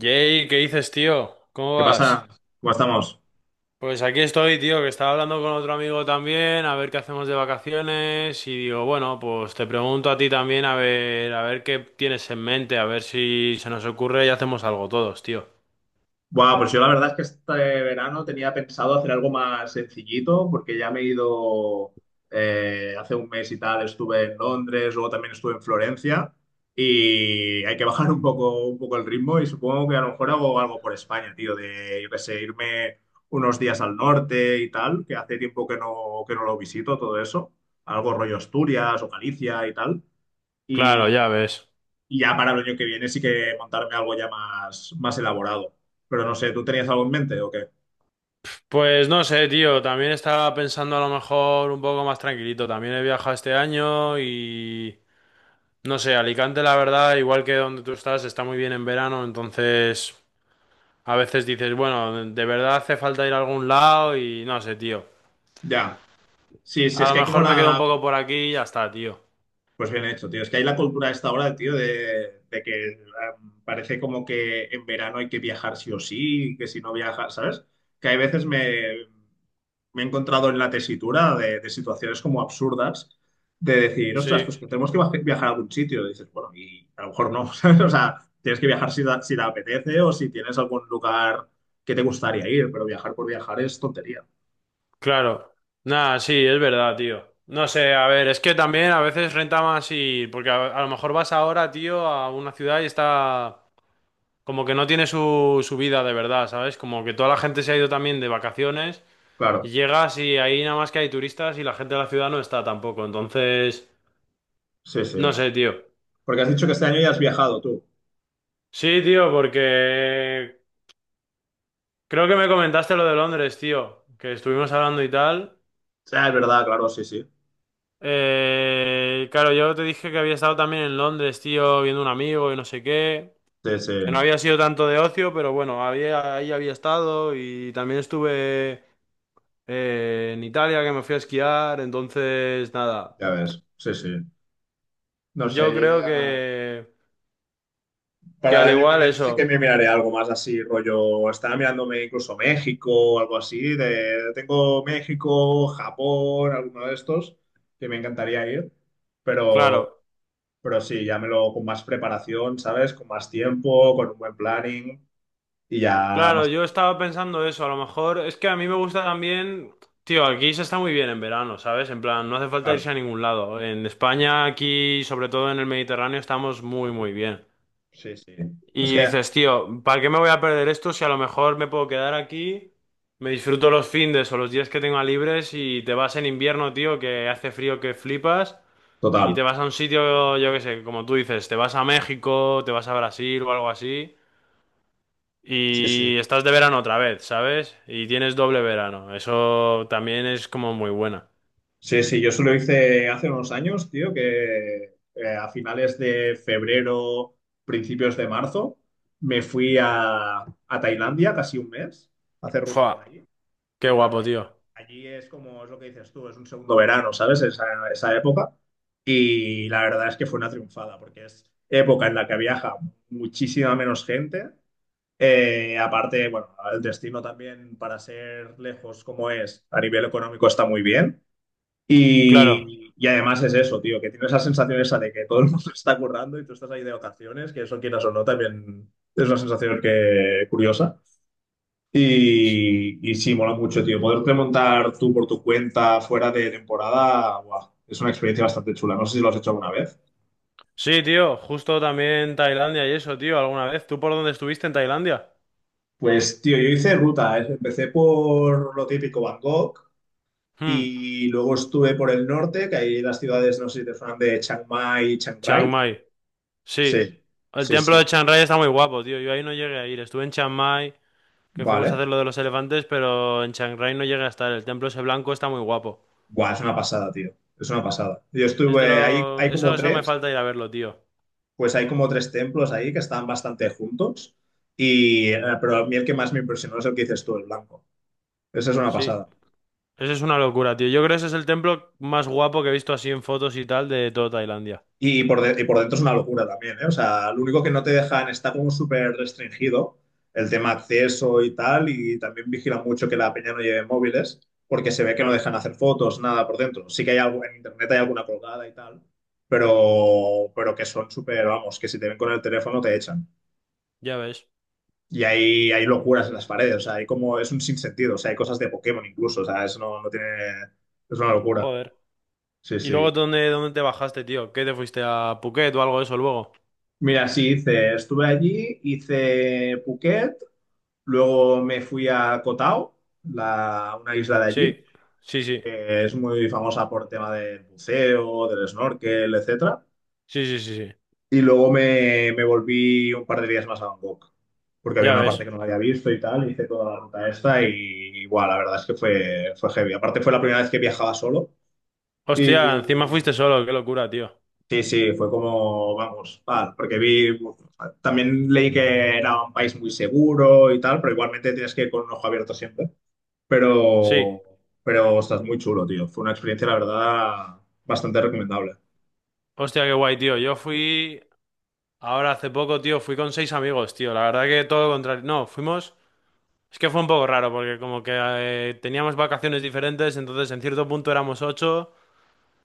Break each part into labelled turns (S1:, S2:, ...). S1: Jay, ¿qué dices, tío? ¿Cómo
S2: ¿Qué
S1: vas?
S2: pasa? ¿Cómo estamos?
S1: Pues aquí estoy, tío, que estaba hablando con otro amigo también, a ver qué hacemos de vacaciones y digo, bueno, pues te pregunto a ti también, a ver qué tienes en mente, a ver si se nos ocurre y hacemos algo todos, tío.
S2: Buah, pues yo la verdad es que este verano tenía pensado hacer algo más sencillito, porque ya me he ido hace un mes y tal, estuve en Londres, luego también estuve en Florencia, y hay que bajar un poco el ritmo, y supongo que a lo mejor hago algo por España, tío, de yo qué sé, irme unos días al norte y tal, que hace tiempo que no lo visito, todo eso, algo rollo Asturias o Galicia y tal.
S1: Claro,
S2: y
S1: ya ves.
S2: Y ya para el año que viene sí que montarme algo ya más, más elaborado. Pero no sé, ¿tú tenías algo en mente o qué?
S1: Pues no sé, tío, también estaba pensando a lo mejor un poco más tranquilito. También he viajado este año y no sé, Alicante, la verdad, igual que donde tú estás, está muy bien en verano, entonces. A veces dices, bueno, de verdad hace falta ir a algún lado y no sé, tío.
S2: Ya. Sí, sí,
S1: A
S2: es
S1: lo
S2: que hay como
S1: mejor me quedo un
S2: la...
S1: poco por aquí y ya está, tío.
S2: Pues bien hecho, tío. Es que hay la cultura a esta hora, tío, de que parece como que en verano hay que viajar sí o sí, que si no viajas, ¿sabes? Que hay veces me he encontrado en la tesitura de situaciones como absurdas de decir, ostras,
S1: Sí,
S2: pues que tenemos que viajar a algún sitio. Y dices, bueno, y a lo mejor no, ¿sabes? O sea, tienes que viajar si te apetece o si tienes algún lugar que te gustaría ir, pero viajar por viajar es tontería.
S1: claro. Nada, sí, es verdad, tío. No sé, a ver, es que también a veces renta más ir, porque a lo mejor vas ahora, tío, a una ciudad y está como que no tiene su vida de verdad, ¿sabes? Como que toda la
S2: Claro,
S1: gente se ha ido también de vacaciones y
S2: claro,
S1: llegas y ahí nada más que hay turistas y la gente de la ciudad no está tampoco. Entonces,
S2: sí,
S1: no
S2: sí.
S1: sé, tío.
S2: Porque has dicho que este año ya has viajado tú.
S1: Sí, tío, porque creo que me comentaste lo de Londres, tío, que estuvimos hablando y tal.
S2: Ah, es verdad, claro, sí, sí.
S1: Claro, yo te dije que había estado también en Londres, tío, viendo un amigo y no sé qué,
S2: Sí, sí,
S1: que no había sido tanto de ocio, pero bueno, ahí había estado y también estuve en Italia, que me fui a esquiar, entonces nada,
S2: ya ves. Sí, sí. No sé,
S1: yo
S2: yo
S1: creo
S2: ya
S1: que
S2: para
S1: al
S2: el año que
S1: igual
S2: viene sí que
S1: eso,
S2: me miraré algo más así, rollo. Estaba mirándome incluso México o algo así. De... Tengo México, Japón, alguno de estos que me encantaría ir. Pero,
S1: claro.
S2: pero sí, ya me lo con más preparación, ¿sabes? Con más tiempo, con un buen planning y ya
S1: Claro,
S2: más
S1: yo estaba pensando eso, a lo mejor es que a mí me gusta también, tío, aquí se está muy bien en verano, ¿sabes? En plan, no hace falta
S2: claro.
S1: irse a ningún lado. En España, aquí, sobre todo en el Mediterráneo, estamos muy, muy bien.
S2: Sí, sí. Es
S1: Y
S2: que,
S1: dices, tío, ¿para qué me voy a perder esto si a lo mejor me puedo quedar aquí, me disfruto los findes o los días que tenga libres y te vas en invierno, tío, que hace frío que flipas y te
S2: total.
S1: vas a un sitio, yo qué sé, como tú dices, te vas a México, te vas a Brasil o algo así.
S2: Sí, sí.
S1: Y estás de verano otra vez, ¿sabes? Y tienes doble verano. Eso también es como muy buena.
S2: Sí, sí, yo solo hice hace unos años, tío, que a finales de febrero, principios de marzo, me fui a Tailandia casi un mes a hacer ruta
S1: Fua,
S2: por allí.
S1: qué
S2: Y claro,
S1: guapo,
S2: allí,
S1: tío.
S2: allí es como es lo que dices tú, es un segundo verano, ¿sabes? Esa época. Y la verdad es que fue una triunfada, porque es época en la que viaja muchísima menos gente. Aparte, bueno, el destino también, para ser lejos como es, a nivel económico está muy bien.
S1: Claro.
S2: Y además es eso, tío, que tienes la sensación esa de que todo el mundo está currando y tú estás ahí de vacaciones, que eso quieras o no, también es una sensación que curiosa.
S1: S-
S2: Y sí, mola mucho, tío. Poderte montar tú por tu cuenta fuera de temporada, guau, es una experiencia bastante chula. No sé si lo has hecho alguna vez.
S1: Sí, tío, justo también Tailandia y eso, tío, alguna vez. ¿Tú por dónde estuviste en Tailandia?
S2: Pues, tío, yo hice ruta, ¿eh? Empecé por lo típico Bangkok
S1: Hmm,
S2: y luego estuve por el norte, que hay las ciudades, no sé si te suenan, de Chiang Mai y Chiang Rai.
S1: Chiang Mai. Sí.
S2: Sí,
S1: El
S2: sí,
S1: templo
S2: sí.
S1: de Chiang Rai está muy guapo, tío. Yo ahí no llegué a ir. Estuve en Chiang Mai, que fuimos a
S2: Vale.
S1: hacer lo de los elefantes, pero en Chiang Rai no llegué a estar. El templo ese blanco está muy guapo.
S2: Buah, es una pasada, tío. Es una pasada. Yo estuve ahí, hay como
S1: Eso, eso me
S2: tres,
S1: falta ir a verlo, tío.
S2: pues hay como tres templos ahí que están bastante juntos. Pero a mí el que más me impresionó es el que dices tú, el blanco. Esa es una
S1: Sí.
S2: pasada.
S1: Eso es una locura, tío. Yo creo que ese es el templo más guapo que he visto así en fotos y tal de toda Tailandia.
S2: Y por dentro es una locura también, ¿eh? O sea, lo único que no te dejan, está como súper restringido el tema acceso y tal, y también vigilan mucho que la peña no lleve móviles, porque se ve que no
S1: Claro,
S2: dejan hacer fotos, nada por dentro. Sí que hay algo, en internet hay alguna colgada y tal, pero que son súper, vamos, que si te ven con el teléfono te echan.
S1: ya ves.
S2: Y hay locuras en las paredes, o sea, hay como, es un sinsentido, o sea, hay cosas de Pokémon incluso, o sea, eso no, no tiene, es una locura.
S1: Joder.
S2: Sí,
S1: ¿Y luego
S2: sí.
S1: dónde te bajaste, tío? ¿Qué te fuiste a Phuket o algo de eso luego?
S2: Mira, sí, hice, estuve allí, hice Phuket. Luego me fui a Koh Tao, la, una isla de
S1: Sí,
S2: allí,
S1: sí, sí.
S2: que es muy famosa por tema del buceo, del snorkel, etcétera.
S1: Sí, sí, sí, sí.
S2: Y luego me volví un par de días más a Bangkok, porque había
S1: Ya
S2: una parte
S1: ves.
S2: que no había visto y tal, hice toda la ruta esta y igual, la verdad es que fue, fue heavy. Aparte fue la primera vez que viajaba solo
S1: Hostia, encima fuiste
S2: y
S1: solo, qué locura, tío.
S2: sí, sí, fue como, vamos, tal, porque vi, también leí que era un país muy seguro y tal, pero igualmente tienes que ir con un ojo abierto siempre.
S1: Sí.
S2: pero, pero estás muy chulo, tío. Fue una experiencia, la verdad, bastante recomendable.
S1: Hostia, qué guay, tío. Yo fui ahora hace poco, tío, fui con seis amigos, tío. La verdad que todo lo contrario. No, fuimos. Es que fue un poco raro porque como que teníamos vacaciones diferentes, entonces en cierto punto éramos ocho.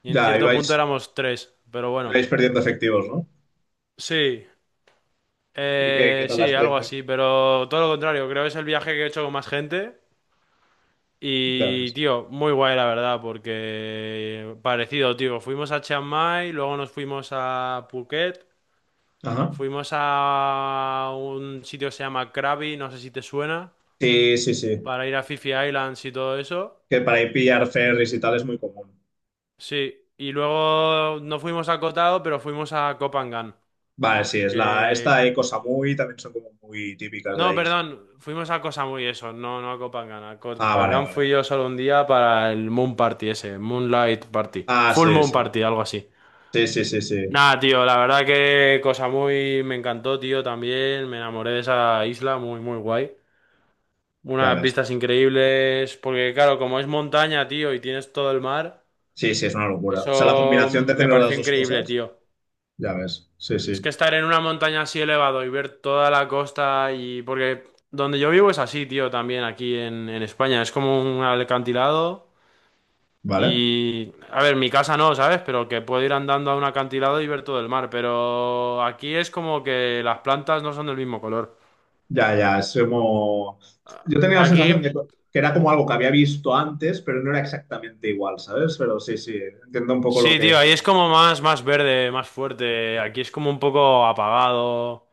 S1: Y en
S2: Ya,
S1: cierto punto
S2: ibais,
S1: éramos tres, pero bueno.
S2: ibais perdiendo efectivos, ¿no?
S1: Sí,
S2: ¿Y qué tal la
S1: sí, algo
S2: experiencia?
S1: así, pero todo lo contrario, creo que es el viaje que he hecho con más gente.
S2: Ya
S1: Y,
S2: ves.
S1: tío, muy guay la verdad, porque parecido, tío. Fuimos a Chiang Mai, luego nos fuimos a Phuket,
S2: Ajá.
S1: fuimos a un sitio que se llama Krabi, no sé si te suena,
S2: Sí, sí, sí.
S1: para ir a Phi Phi Islands y todo eso.
S2: Que para ir pillar ferries y tal es muy común.
S1: Sí, y luego no fuimos a Koh Tao, pero fuimos a Koh Phangan.
S2: Vale, sí, es la,
S1: Que
S2: esta y cosa muy también son como muy típicas de
S1: No,
S2: ahí.
S1: perdón, fuimos a cosa muy eso, no, no a Copangán. A
S2: Ah, vale,
S1: Copangán
S2: vale.
S1: fui yo solo un día para el Moon Party ese, Moonlight Party,
S2: Ah,
S1: Full
S2: sí,
S1: Moon
S2: sí.
S1: Party, algo así.
S2: Sí, sí, sí, sí.
S1: Nada, tío, la verdad que cosa muy me encantó, tío, también me enamoré de esa isla, muy, muy guay.
S2: Ya
S1: Unas
S2: ves.
S1: vistas increíbles, porque claro, como es montaña, tío, y tienes todo el mar,
S2: Sí, sí, es una locura. O sea, la
S1: eso
S2: combinación de
S1: me
S2: tener las
S1: pareció
S2: dos
S1: increíble,
S2: cosas,
S1: tío.
S2: ya ves. Sí,
S1: Es
S2: sí.
S1: que estar en una montaña así elevado y ver toda la costa y... Porque donde yo vivo es así, tío, también aquí en España. Es como un alcantilado
S2: Vale.
S1: y... A ver, mi casa no, ¿sabes? Pero que puedo ir andando a un acantilado y ver todo el mar. Pero aquí es como que las plantas no son del mismo color.
S2: Ya, ya, es como... Yo tenía la sensación
S1: Aquí...
S2: de que era como algo que había visto antes, pero no era exactamente igual, ¿sabes? Pero sí, sí, entiendo un poco lo
S1: Sí,
S2: que...
S1: tío, ahí es como más verde, más fuerte. Aquí es como un poco apagado.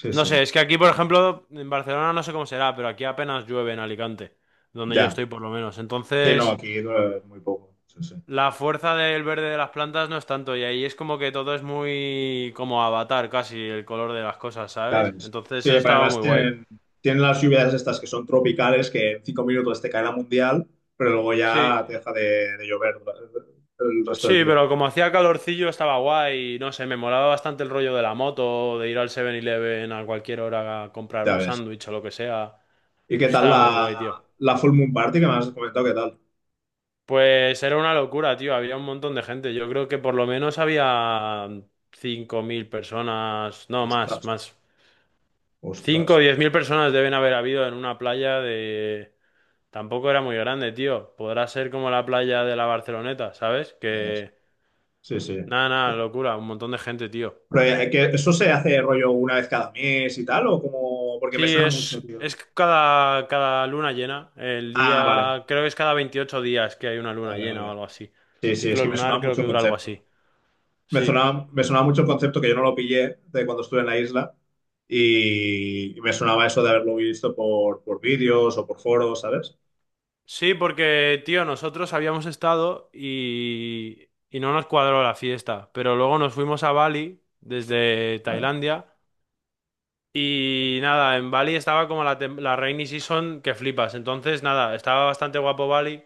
S2: Sí,
S1: No
S2: sí,
S1: sé, es que aquí, por ejemplo, en Barcelona no sé cómo será, pero aquí apenas llueve en Alicante, donde yo
S2: ya.
S1: estoy por lo menos.
S2: Sí, no,
S1: Entonces,
S2: aquí dura muy poco. Sí, sí.
S1: la fuerza del verde de las plantas no es tanto, y ahí es como que todo es muy como avatar casi el color de las cosas,
S2: Ya
S1: ¿sabes?
S2: ves.
S1: Entonces,
S2: Sí,
S1: eso
S2: pero
S1: estaba
S2: además
S1: muy guay.
S2: tienen las lluvias estas que son tropicales, que en 5 minutos te cae la mundial, pero luego
S1: Sí,
S2: ya te deja de llover dura- el resto del
S1: sí,
S2: día.
S1: pero como hacía calorcillo estaba guay, y no sé, me molaba bastante el rollo de la moto, de ir al 7-Eleven a cualquier hora a comprar
S2: Ya
S1: un
S2: ves.
S1: sándwich o lo que sea.
S2: ¿Y qué
S1: Eso
S2: tal
S1: estaba muy guay, tío.
S2: la Full Moon Party que me has comentado? ¿Qué tal?
S1: Pues era una locura, tío. Había un montón de gente. Yo creo que por lo menos había 5.000 personas. No, más,
S2: Ostras,
S1: más. 5, o
S2: ostras.
S1: 10.000 personas deben haber habido en una playa de... Tampoco era muy grande, tío. Podrá ser como la playa de la Barceloneta, ¿sabes?
S2: Ya ves. Sí, sí.
S1: Nada, nada, locura. Un montón de gente, tío.
S2: Pero, que ¿eso se hace rollo una vez cada mes y tal? ¿O como...? Porque me
S1: Sí,
S2: suena mucho,
S1: es,
S2: tío.
S1: es cada luna llena.
S2: Ah, vale,
S1: Creo que es cada 28 días que hay una luna
S2: vale,
S1: llena o
S2: vale.
S1: algo así.
S2: Sí, sí, es
S1: Ciclo
S2: que me sonaba
S1: lunar creo
S2: mucho
S1: que
S2: el
S1: dura algo
S2: concepto.
S1: así. Sí.
S2: Me sonaba mucho el concepto que yo no lo pillé de cuando estuve en la isla y me sonaba eso de haberlo visto por vídeos o por foros, ¿sabes?
S1: Sí, porque, tío, nosotros habíamos estado y no nos cuadró la fiesta, pero luego nos fuimos a Bali desde
S2: Vale.
S1: Tailandia y nada, en Bali estaba como la rainy season que flipas, entonces nada, estaba bastante guapo Bali,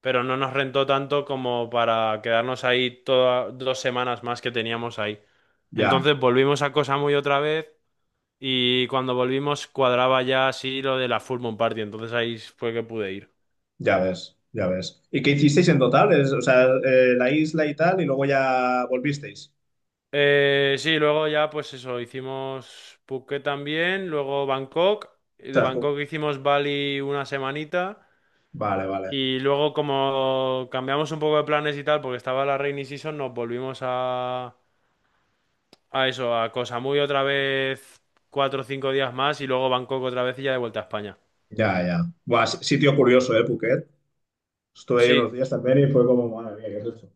S1: pero no nos rentó tanto como para quedarnos ahí todas 2 semanas más que teníamos ahí.
S2: Ya,
S1: Entonces volvimos a Koh Samui otra vez y cuando volvimos cuadraba ya así lo de la Full Moon Party, entonces ahí fue que pude ir.
S2: ya ves, ya ves. ¿Y qué hicisteis en total? Es- o sea, la isla y tal, y luego ya volvisteis.
S1: Sí, luego ya pues eso, hicimos Phuket también, luego Bangkok, y de
S2: Ostras, pu-
S1: Bangkok hicimos Bali una semanita
S2: Vale, vale.
S1: y luego como cambiamos un poco de planes y tal porque estaba la rainy season nos volvimos a eso, a Koh Samui otra vez 4 o 5 días más y luego Bangkok otra vez y ya de vuelta a España.
S2: Ya, ya. Buah, si- sitio curioso, ¿eh, Phuket? Estuve ahí
S1: Sí,
S2: unos días también y fue como, madre mía, ¿qué es esto?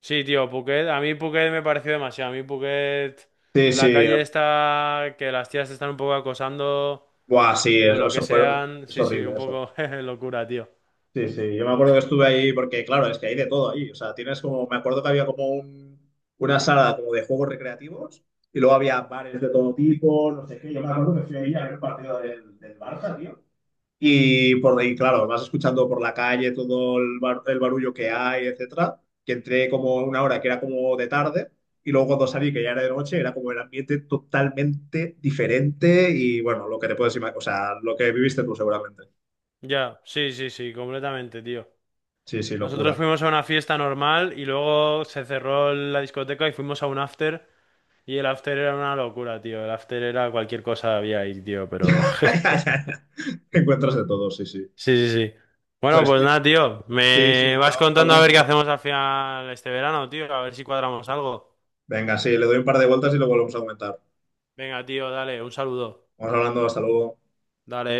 S1: sí, tío, Phuket, a mí Phuket me pareció demasiado,
S2: Sí,
S1: la
S2: sí,
S1: calle está, que las tías te están un poco acosando.
S2: buah, sí,
S1: O lo que
S2: eso, fue,
S1: sean,
S2: es
S1: sí, sí, un
S2: horrible eso.
S1: poco jeje, locura, tío.
S2: Sí, sí, yo me acuerdo que estuve ahí porque, claro, es que hay de todo ahí. O sea, tienes como, me acuerdo que había como un, una sala como de juegos recreativos y luego había bares de todo tipo, no sé qué. Yo me acuerdo que fui ahí a ver un partido del Barça, tío. Y por ahí, claro, vas escuchando por la calle todo el barullo que hay, etcétera. Que entré como una hora que era como de tarde y luego cuando salí, que ya era de noche, era como el ambiente totalmente diferente y bueno, lo que te puedes imaginar, o sea, lo que viviste tú seguramente.
S1: Ya, sí, sí, sí, completamente, tío.
S2: Sí, sí,
S1: Nosotros
S2: locura.
S1: fuimos a una fiesta normal y luego se cerró la discoteca y fuimos a un after. Y el after era una locura, tío. El after era cualquier cosa había ahí, tío, pero...
S2: Ya, ya, ya. Encuentras de todo, sí, sí.
S1: Sí, sí, sí. Bueno,
S2: Pues
S1: pues
S2: sí,
S1: nada, tío.
S2: sí,
S1: Me
S2: sí, ya
S1: vas
S2: vamos
S1: contando a ver qué
S2: hablando.
S1: hacemos al final este verano, tío. A ver si cuadramos algo.
S2: Venga, sí, le doy un par de vueltas y lo volvemos a aumentar.
S1: Venga, tío, dale, un saludo.
S2: Vamos hablando, hasta luego.
S1: Dale.